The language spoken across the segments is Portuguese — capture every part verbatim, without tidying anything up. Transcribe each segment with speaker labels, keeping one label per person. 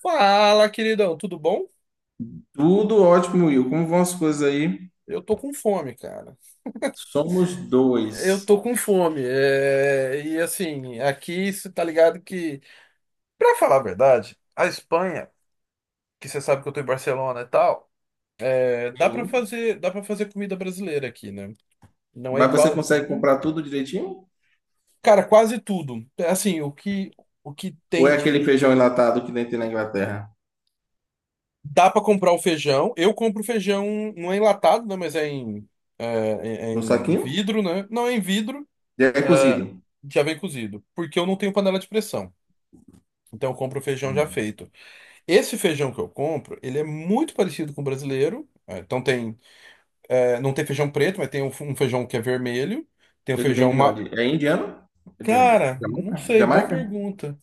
Speaker 1: Fala, queridão, tudo bom?
Speaker 2: Tudo ótimo, Will. Como vão as coisas aí?
Speaker 1: Eu tô com fome, cara.
Speaker 2: Somos
Speaker 1: Eu
Speaker 2: dois.
Speaker 1: tô com fome. é, E assim, aqui você tá ligado que, pra falar a verdade, a Espanha, que você sabe que eu tô em Barcelona e tal, é, dá pra
Speaker 2: Sim.
Speaker 1: fazer, dá para fazer comida brasileira aqui, né? Não é
Speaker 2: Mas você consegue
Speaker 1: igualzinho.
Speaker 2: comprar tudo direitinho?
Speaker 1: Cara, quase tudo. É, Assim, o que o que
Speaker 2: Ou
Speaker 1: tem
Speaker 2: é
Speaker 1: de,
Speaker 2: aquele feijão enlatado que nem tem na Inglaterra?
Speaker 1: dá pra comprar o feijão. Eu compro feijão, não é enlatado, né, mas é em é, é- é
Speaker 2: No
Speaker 1: em
Speaker 2: saquinho?
Speaker 1: vidro, né? Não é em vidro.
Speaker 2: E é cozido.
Speaker 1: ah, Já vem cozido, porque eu não tenho panela de pressão. Então eu compro o feijão já
Speaker 2: Hum.
Speaker 1: feito. Esse feijão que eu compro, ele é muito parecido com o brasileiro. eh, Então tem, eh, não tem feijão preto, mas tem um, um feijão que é vermelho. Tem o
Speaker 2: Ele vem
Speaker 1: feijão
Speaker 2: de
Speaker 1: ma...
Speaker 2: onde? É indiano? É de onde?
Speaker 1: Cara, não
Speaker 2: Jamaica?
Speaker 1: sei, boa
Speaker 2: Jamaica?
Speaker 1: pergunta.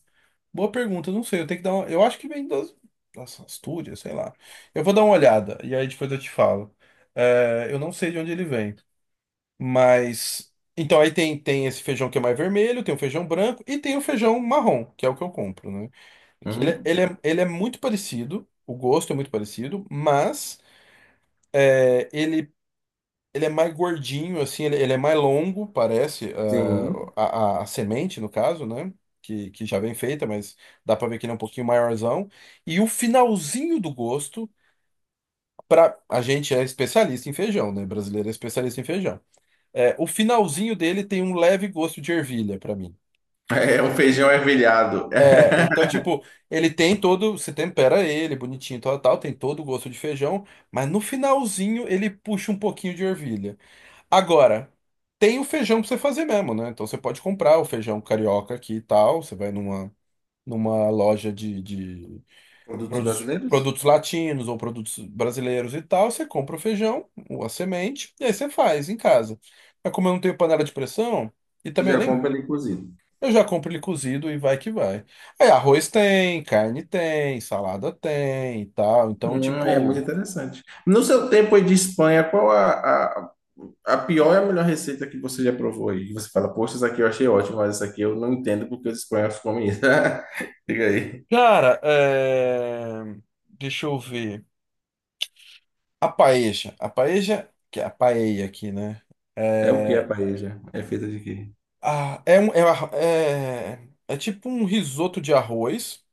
Speaker 1: Boa pergunta, não sei. Eu tenho que dar uma... Eu acho que vem das, das Astúrias, sei lá. Eu vou dar uma olhada e aí depois eu te falo. Eh, eu não sei de onde ele vem. Mas. Então, aí tem, tem esse feijão que é mais vermelho, tem o feijão branco e tem o feijão marrom, que é o que eu compro, né? Que Ele, é,
Speaker 2: Uhum.
Speaker 1: ele, é, ele é muito parecido, o gosto é muito parecido, mas é, ele, ele é mais gordinho, assim, ele, ele é mais longo, parece, ah,
Speaker 2: Sim.
Speaker 1: a, a, a semente, no caso, né? Que, que já vem feita, mas dá pra ver que ele é um pouquinho maiorzão. E o finalzinho do gosto, pra, a gente é especialista em feijão, né? Brasileiro é especialista em feijão. É, o finalzinho dele tem um leve gosto de ervilha pra mim.
Speaker 2: É um feijão ervilhado.
Speaker 1: É, então, tipo, ele tem todo. Você tempera ele, bonitinho, tal, tal, tem todo o gosto de feijão, mas no finalzinho ele puxa um pouquinho de ervilha. Agora, tem o feijão pra você fazer mesmo, né? Então você pode comprar o feijão carioca aqui e tal. Você vai numa, numa loja de, de
Speaker 2: Produtos
Speaker 1: produtos,
Speaker 2: brasileiros?
Speaker 1: produtos latinos ou produtos brasileiros e tal. Você compra o feijão, a semente, e aí você faz em casa. Mas como eu não tenho panela de pressão. E
Speaker 2: Você
Speaker 1: também eu
Speaker 2: já
Speaker 1: nem
Speaker 2: compra ele cozido.
Speaker 1: Eu já compro ele cozido e vai que vai. Aí arroz tem, carne tem, salada tem e tal. Então,
Speaker 2: Hum, é muito
Speaker 1: tipo,
Speaker 2: interessante. No seu tempo aí de Espanha, qual a, A pior é a melhor receita que você já provou aí. Que Você fala, poxa, essa aqui eu achei ótima, mas essa aqui eu não entendo porque os espanhóis comem isso. Diga aí.
Speaker 1: cara, é... deixa eu ver. A paeja, a paeja, que é a paella aqui, né?
Speaker 2: É o que a
Speaker 1: É,
Speaker 2: paella? É feita de quê?
Speaker 1: ah, é, um- é, uma- é, é tipo um risoto de arroz.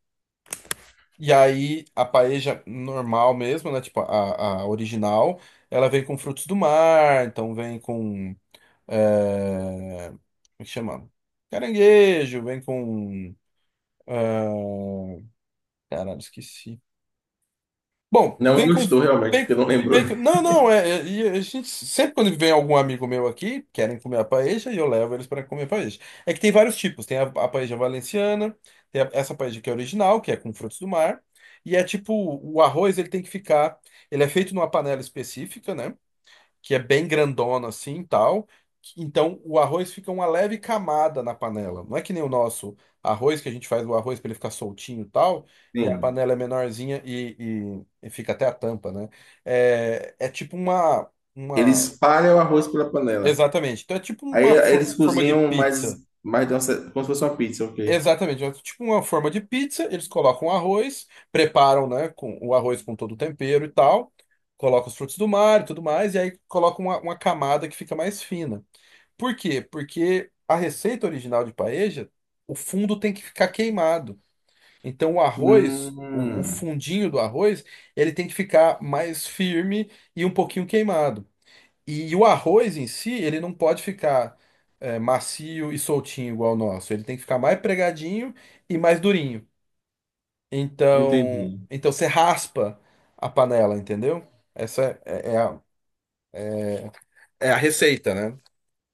Speaker 1: E aí a paeja normal mesmo, né? Tipo a, a original, ela vem com frutos do mar, então vem com, É, Como é que chama? Caranguejo, vem com. é, Caralho, esqueci. Bom,
Speaker 2: Não
Speaker 1: vem com.
Speaker 2: gostou realmente,
Speaker 1: Bacon,
Speaker 2: porque não lembrou.
Speaker 1: bacon. Não, não, é, é- e a gente, sempre quando vem algum amigo meu aqui, querem comer a paella, e eu levo eles para comer a paella. É que tem vários tipos, tem a, a paella valenciana, tem a- essa paella que é original, que é com frutos do mar, e é tipo, o arroz ele tem que ficar, ele é feito numa panela específica, né? Que é bem grandona assim, e tal. Então o arroz fica uma leve camada na panela. Não é que nem o nosso arroz, que a gente faz o arroz para ele ficar soltinho, e tal, e a
Speaker 2: Sim.
Speaker 1: panela é menorzinha e, e- e fica até a tampa, né? É, é tipo uma,
Speaker 2: Eles
Speaker 1: uma,
Speaker 2: espalham o arroz pela panela.
Speaker 1: exatamente. Então é tipo
Speaker 2: Aí
Speaker 1: uma for-
Speaker 2: eles
Speaker 1: forma de
Speaker 2: cozinham mais,
Speaker 1: pizza.
Speaker 2: mais de uma ce- como se fosse uma pizza, ok?
Speaker 1: Exatamente, é tipo uma forma de pizza, eles colocam arroz, preparam, né, com o arroz com todo o tempero e tal, colocam os frutos do mar e tudo mais, e aí colocam uma uma camada que fica mais fina. Por quê? Porque a receita original de paeja, o fundo tem que ficar queimado. Então o arroz, o, o
Speaker 2: Hum,
Speaker 1: fundinho do arroz, ele tem que ficar mais firme e um pouquinho queimado. E o arroz em si, ele não pode ficar é, macio e soltinho igual o nosso. Ele tem que ficar mais pregadinho e mais durinho. Então,
Speaker 2: entendi.
Speaker 1: então você raspa a panela, entendeu? Essa é, é é a, é a receita, né?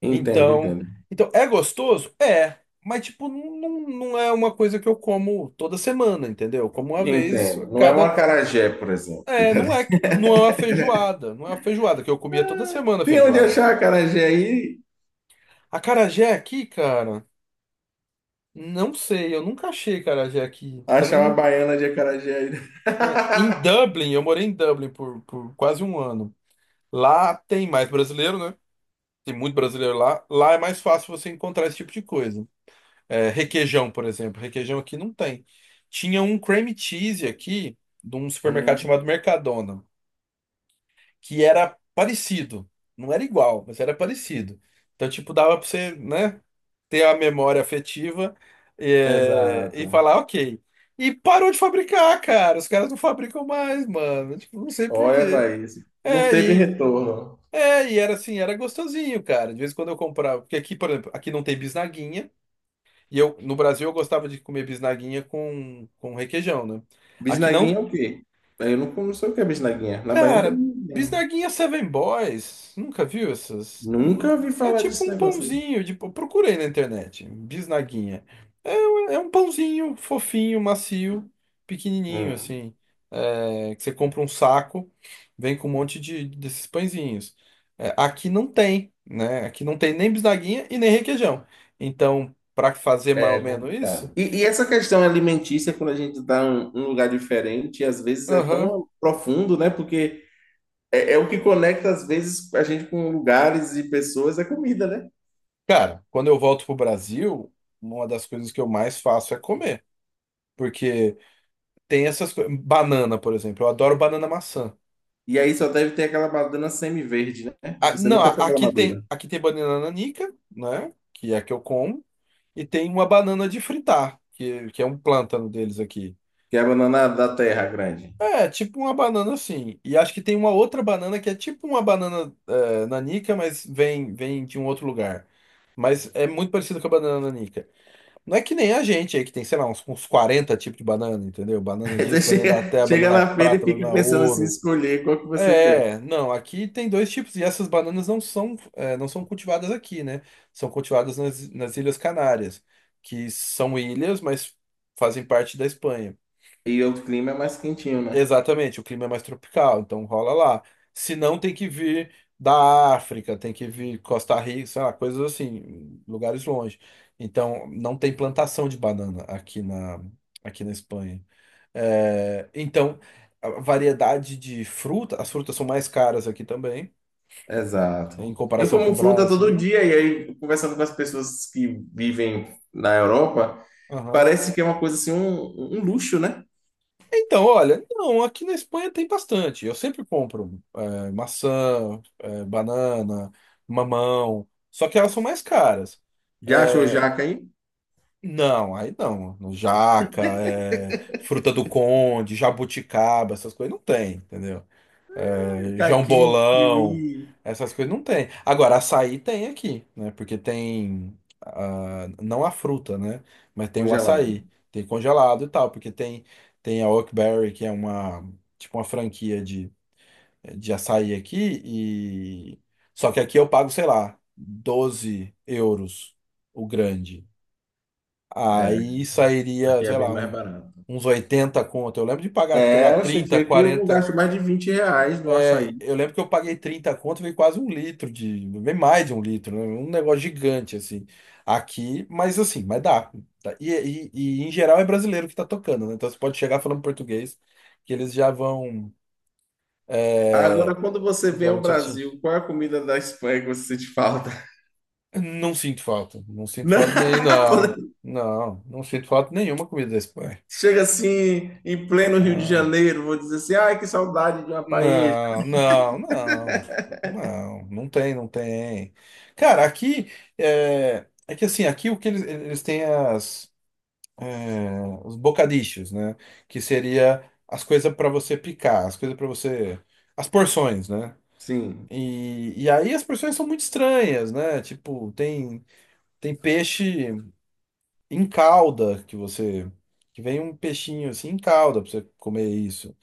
Speaker 2: Entendo,
Speaker 1: Então,
Speaker 2: entendo.
Speaker 1: então é gostoso? É, mas tipo, não, não é uma coisa que eu como toda semana, entendeu? Eu como uma vez
Speaker 2: Entendo.
Speaker 1: a
Speaker 2: Não é um
Speaker 1: cada.
Speaker 2: acarajé, por exemplo.
Speaker 1: É, não é, que- não é uma feijoada, não é uma feijoada que eu comia toda
Speaker 2: Ah,
Speaker 1: semana
Speaker 2: tem onde
Speaker 1: feijoada.
Speaker 2: achar acarajé aí?
Speaker 1: Acarajé aqui, cara, não sei, eu nunca achei acarajé aqui.
Speaker 2: Achar uma
Speaker 1: Também
Speaker 2: baiana de acarajé aí.
Speaker 1: não- é, em Dublin, eu morei em Dublin por, por quase um ano. Lá tem mais brasileiro, né? Tem muito brasileiro lá. Lá é mais fácil você encontrar esse tipo de coisa. É, requeijão, por exemplo. Requeijão aqui não tem. Tinha um cream cheese aqui, de um supermercado
Speaker 2: Hum,
Speaker 1: chamado Mercadona, que era parecido. Não era igual, mas era parecido. Então, tipo, dava pra você, né, ter a memória afetiva, é, e
Speaker 2: exato.
Speaker 1: falar, ok. E parou de fabricar, cara. Os caras não fabricam mais, mano. Tipo, não sei por
Speaker 2: Olha,
Speaker 1: quê.
Speaker 2: vai isso. Não
Speaker 1: É,
Speaker 2: teve
Speaker 1: e,
Speaker 2: retorno.
Speaker 1: é, e era assim, era gostosinho, cara. De vez em quando eu comprava. Porque aqui, por exemplo, aqui não tem bisnaguinha. E eu, no Brasil, eu gostava de comer bisnaguinha com, com requeijão, né? Aqui
Speaker 2: Bisnaguinha é
Speaker 1: não.
Speaker 2: o quê? Eu não, não sei o que é bisnaguinha. Na Bahia não tem
Speaker 1: Cara,
Speaker 2: bisnaguinha, não.
Speaker 1: bisnaguinha Seven Boys. Nunca viu essas?
Speaker 2: Nunca
Speaker 1: Nu-
Speaker 2: ouvi
Speaker 1: É
Speaker 2: falar
Speaker 1: tipo
Speaker 2: desse
Speaker 1: um
Speaker 2: negócio aí.
Speaker 1: pãozinho. De... eu procurei na internet. Bisnaguinha. É um pãozinho fofinho, macio, pequenininho,
Speaker 2: Hum,
Speaker 1: assim. É, que você compra um saco, vem com um monte de, desses pãezinhos. É, aqui não tem, né? Aqui não tem nem bisnaguinha e nem requeijão. Então, para fazer mais
Speaker 2: é
Speaker 1: ou menos
Speaker 2: complicado.
Speaker 1: isso.
Speaker 2: E, e essa questão alimentícia, quando a gente está em um lugar diferente, às vezes é
Speaker 1: Aham.
Speaker 2: tão profundo, né? Porque é, é o que conecta, às vezes, a gente com lugares e pessoas, é comida, né?
Speaker 1: Cara, quando eu volto pro Brasil, uma das coisas que eu mais faço é comer. Porque tem essas coisas. Banana, por exemplo. Eu adoro banana maçã.
Speaker 2: E aí só deve ter aquela banana semi-verde, né?
Speaker 1: Ah,
Speaker 2: Você
Speaker 1: não,
Speaker 2: nunca
Speaker 1: a-
Speaker 2: pegou a
Speaker 1: aqui tem,
Speaker 2: madura,
Speaker 1: aqui tem banana nanica, né? Que é a que eu como. E tem uma banana de fritar, que, que é um plântano deles aqui.
Speaker 2: que é a banana da terra grande.
Speaker 1: É, tipo uma banana assim. E acho que tem uma outra banana que é tipo uma banana eh, nanica, mas vem, vem de um outro lugar. Mas é muito parecido com a banana nanica. Não é que nem a gente aí, que tem, sei lá, uns, uns quarenta tipos de banana, entendeu? Banana
Speaker 2: Aí você
Speaker 1: disso, banana da
Speaker 2: chega,
Speaker 1: terra,
Speaker 2: chega
Speaker 1: banana
Speaker 2: na feira e
Speaker 1: prata,
Speaker 2: fica
Speaker 1: banana
Speaker 2: pensando assim,
Speaker 1: ouro.
Speaker 2: escolher qual que você quer.
Speaker 1: É, não, aqui tem dois tipos, e essas bananas não são, é, não são cultivadas aqui, né? São cultivadas nas, nas Ilhas Canárias, que são ilhas, mas fazem parte da Espanha.
Speaker 2: E o clima é mais quentinho, né?
Speaker 1: Exatamente, o clima é mais tropical, então rola lá. Se não, tem que vir da África, tem que vir Costa Rica, sei lá, coisas assim, lugares longe. Então, não tem plantação de banana aqui na, aqui na Espanha. É, então, a variedade de fruta, as frutas são mais caras aqui também,
Speaker 2: Exato.
Speaker 1: em
Speaker 2: Eu
Speaker 1: comparação com o
Speaker 2: como fruta todo
Speaker 1: Brasil.
Speaker 2: dia, e aí conversando com as pessoas que vivem na Europa, parece que é uma coisa assim, um, um luxo, né?
Speaker 1: Então, olha, não, aqui na Espanha tem bastante. Eu sempre compro é, maçã, é, banana, mamão, só que elas são mais caras.
Speaker 2: Já achou
Speaker 1: É,
Speaker 2: jaca aí?
Speaker 1: não, aí não. Jaca, é, fruta do conde, jabuticaba, essas coisas não tem, entendeu? João
Speaker 2: Caqui,
Speaker 1: Bolão,
Speaker 2: kiwi,
Speaker 1: essas coisas não tem. Agora, açaí tem aqui, né? Porque tem, ah, não a fruta, né? Mas tem o
Speaker 2: congelado.
Speaker 1: açaí, tem congelado e tal, porque tem tem a Oakberry, que é uma tipo uma franquia de, de açaí aqui, e só que aqui eu pago, sei lá, doze euros o grande. Aí sairia,
Speaker 2: Aqui é
Speaker 1: sei
Speaker 2: bem
Speaker 1: lá,
Speaker 2: mais
Speaker 1: um-
Speaker 2: barato.
Speaker 1: uns oitenta conto. Eu lembro de pagar, sei lá,
Speaker 2: É, oxente,
Speaker 1: trinta,
Speaker 2: aqui eu não
Speaker 1: quarenta.
Speaker 2: gasto mais de vinte reais no açaí.
Speaker 1: É, eu lembro que eu paguei trinta conto, veio quase um litro de, veio mais de um litro, né? Um negócio gigante assim. Aqui, mas assim, mas dá. Tá? E, e, e, em geral é brasileiro que tá tocando, né? Então você pode chegar falando português, que eles já vão,
Speaker 2: Agora,
Speaker 1: é,
Speaker 2: quando você
Speaker 1: eles
Speaker 2: vem
Speaker 1: já
Speaker 2: ao
Speaker 1: vão te...
Speaker 2: Brasil,
Speaker 1: te-
Speaker 2: qual é a comida da Espanha que você sente falta?
Speaker 1: Não sinto falta, não sinto
Speaker 2: Não,
Speaker 1: falta nem não,
Speaker 2: quando
Speaker 1: não, não sinto falta nenhuma comida da Espanha.
Speaker 2: Chega assim, em pleno Rio de
Speaker 1: Ah,
Speaker 2: Janeiro, vou dizer assim, ai, que saudade de uma paella.
Speaker 1: não, não, não, não, não tem, não tem. Cara, aqui é, é que assim, aqui o que eles, eles têm as, é, os bocadinhos, né? Que seria as coisas para você picar, as coisas para você, as porções, né?
Speaker 2: Sim,
Speaker 1: E, e aí as porções são muito estranhas, né? Tipo, tem tem peixe em calda, que você, que vem um peixinho assim em calda para você comer isso.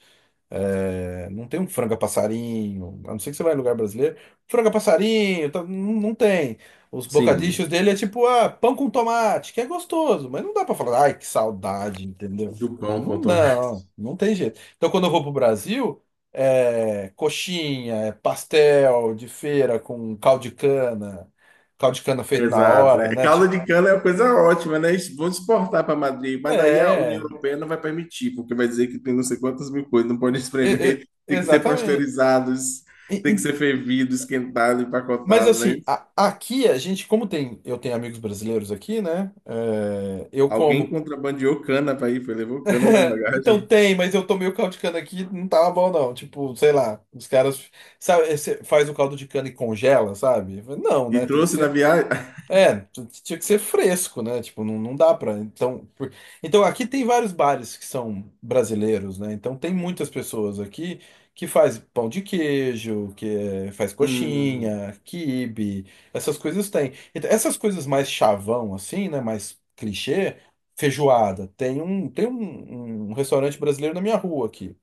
Speaker 1: É, não tem um franga passarinho, a não ser que você vai em lugar brasileiro. Franga passarinho, tá, não, não tem. Os
Speaker 2: sim,
Speaker 1: bocadichos dele é tipo, ah, pão com tomate, que é gostoso, mas não dá pra falar, ai, que saudade, entendeu?
Speaker 2: do pão com
Speaker 1: Não,
Speaker 2: tomate.
Speaker 1: não, não tem jeito. Então quando eu vou pro Brasil, é coxinha, é pastel de feira com caldo de cana, caldo de cana feito na
Speaker 2: Exato,
Speaker 1: hora,
Speaker 2: né?
Speaker 1: né?
Speaker 2: Caldo
Speaker 1: Tipo,
Speaker 2: de cana é uma coisa ótima, né? Isso. Vamos exportar para Madrid, mas aí a União
Speaker 1: é,
Speaker 2: Europeia não vai permitir, porque vai dizer que tem não sei quantas mil coisas, não pode
Speaker 1: e- e-
Speaker 2: espremer, tem que ser
Speaker 1: exatamente.
Speaker 2: pasteurizados, tem que ser fervido, esquentado,
Speaker 1: Mas
Speaker 2: empacotado, né?
Speaker 1: assim, a- aqui a gente, como tem, eu tenho amigos brasileiros aqui, né? É, eu
Speaker 2: Alguém
Speaker 1: como.
Speaker 2: contrabandeou cana para ir, foi, levou cana na
Speaker 1: Então
Speaker 2: bagagem
Speaker 1: tem, mas eu tô meio caldo de cana aqui, não tava bom não. Tipo, sei lá, os caras sabe, esse- faz o caldo de cana e congela, sabe? Não,
Speaker 2: e
Speaker 1: né? Tem que
Speaker 2: trouxe na
Speaker 1: ser.
Speaker 2: viagem.
Speaker 1: É, t- t- tinha que ser fresco, né? Tipo, não, não dá pra. Então, por- então, aqui tem vários bares que são brasileiros, né? Então, tem muitas pessoas aqui que faz pão de queijo, que é- faz
Speaker 2: Hum,
Speaker 1: coxinha, quibe, essas coisas tem. Então, essas coisas mais chavão, assim, né? Mais clichê, feijoada. Tem um, tem um, um restaurante brasileiro na minha rua aqui.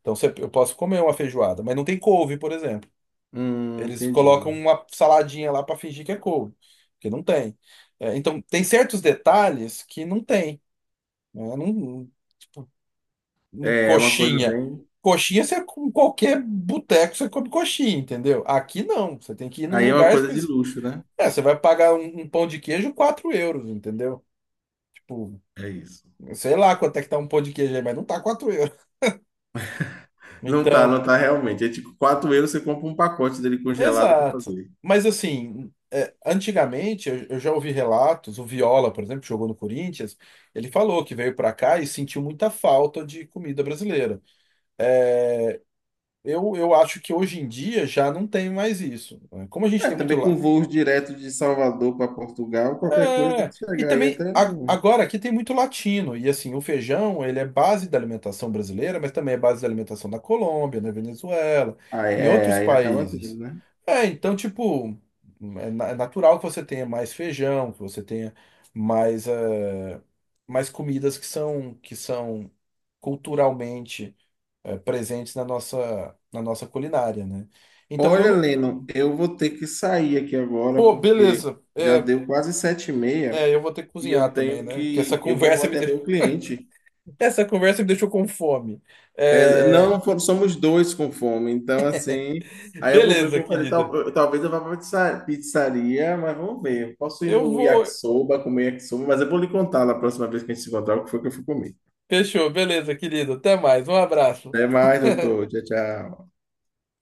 Speaker 1: Então, você- eu posso comer uma feijoada, mas não tem couve, por exemplo.
Speaker 2: hum,
Speaker 1: Eles colocam
Speaker 2: entendi.
Speaker 1: uma saladinha lá para fingir que é couve, que não tem. É, então, tem certos detalhes que não tem, né? Não- não-
Speaker 2: É é uma coisa
Speaker 1: coxinha.
Speaker 2: bem.
Speaker 1: Coxinha, você, com qualquer boteco, você come coxinha, entendeu? Aqui não. Você tem que ir num
Speaker 2: Aí é uma
Speaker 1: lugar
Speaker 2: coisa de
Speaker 1: específico.
Speaker 2: luxo, né?
Speaker 1: É, você vai pagar um, um pão de queijo quatro euros, entendeu? Tipo,
Speaker 2: É isso.
Speaker 1: sei lá quanto é que tá um pão de queijo aí, mas não tá quatro euros.
Speaker 2: Não tá,
Speaker 1: Então.
Speaker 2: não tá realmente. É tipo quatro euros você compra um pacote dele congelado para
Speaker 1: Exato.
Speaker 2: fazer.
Speaker 1: Mas assim, é, antigamente eu, eu já ouvi relatos, o Viola, por exemplo, que jogou no Corinthians, ele falou que veio para cá e sentiu muita falta de comida brasileira. É, eu, eu acho que hoje em dia já não tem mais isso, né? Como a gente
Speaker 2: É,
Speaker 1: tem muito
Speaker 2: também com
Speaker 1: la-
Speaker 2: voos direto de Salvador para Portugal, qualquer coisa deve
Speaker 1: É, e
Speaker 2: chegar aí
Speaker 1: também
Speaker 2: até.
Speaker 1: a-
Speaker 2: no-
Speaker 1: agora aqui tem muito latino, e assim, o feijão, ele é base da alimentação brasileira, mas também é base da alimentação da Colômbia, na Venezuela,
Speaker 2: Aí,
Speaker 1: em
Speaker 2: é,
Speaker 1: outros
Speaker 2: aí acaba
Speaker 1: países.
Speaker 2: tendo, né?
Speaker 1: É, então, tipo, é, na- é natural que você tenha mais feijão, que você tenha mais, eh, mais comidas que são, que são culturalmente, eh, presentes na nossa, na nossa culinária, né? Então, eu
Speaker 2: Olha,
Speaker 1: não.
Speaker 2: Leno, eu vou ter que sair aqui agora
Speaker 1: Pô,
Speaker 2: porque
Speaker 1: beleza.
Speaker 2: já
Speaker 1: É,
Speaker 2: deu quase sete e meia.
Speaker 1: é, eu vou ter que
Speaker 2: E
Speaker 1: cozinhar
Speaker 2: eu
Speaker 1: também,
Speaker 2: tenho
Speaker 1: né? Porque essa
Speaker 2: que, eu vou
Speaker 1: conversa me
Speaker 2: atender o cliente.
Speaker 1: Essa conversa me deixou com fome.
Speaker 2: É,
Speaker 1: É,
Speaker 2: não, for- somos dois com fome, então assim, aí eu vou ver
Speaker 1: Beleza,
Speaker 2: como fazer,
Speaker 1: querida.
Speaker 2: tal- eu- talvez eu vá para pizza- pizzaria, mas vamos ver. Eu posso ir
Speaker 1: Eu
Speaker 2: no
Speaker 1: vou.
Speaker 2: yakisoba, comer yakisoba, mas eu vou lhe contar na próxima vez que a gente se encontrar o que foi que eu fui comer.
Speaker 1: Fechou, beleza, querida. Até mais. Um abraço.
Speaker 2: Até mais, doutor. Tchau, tchau.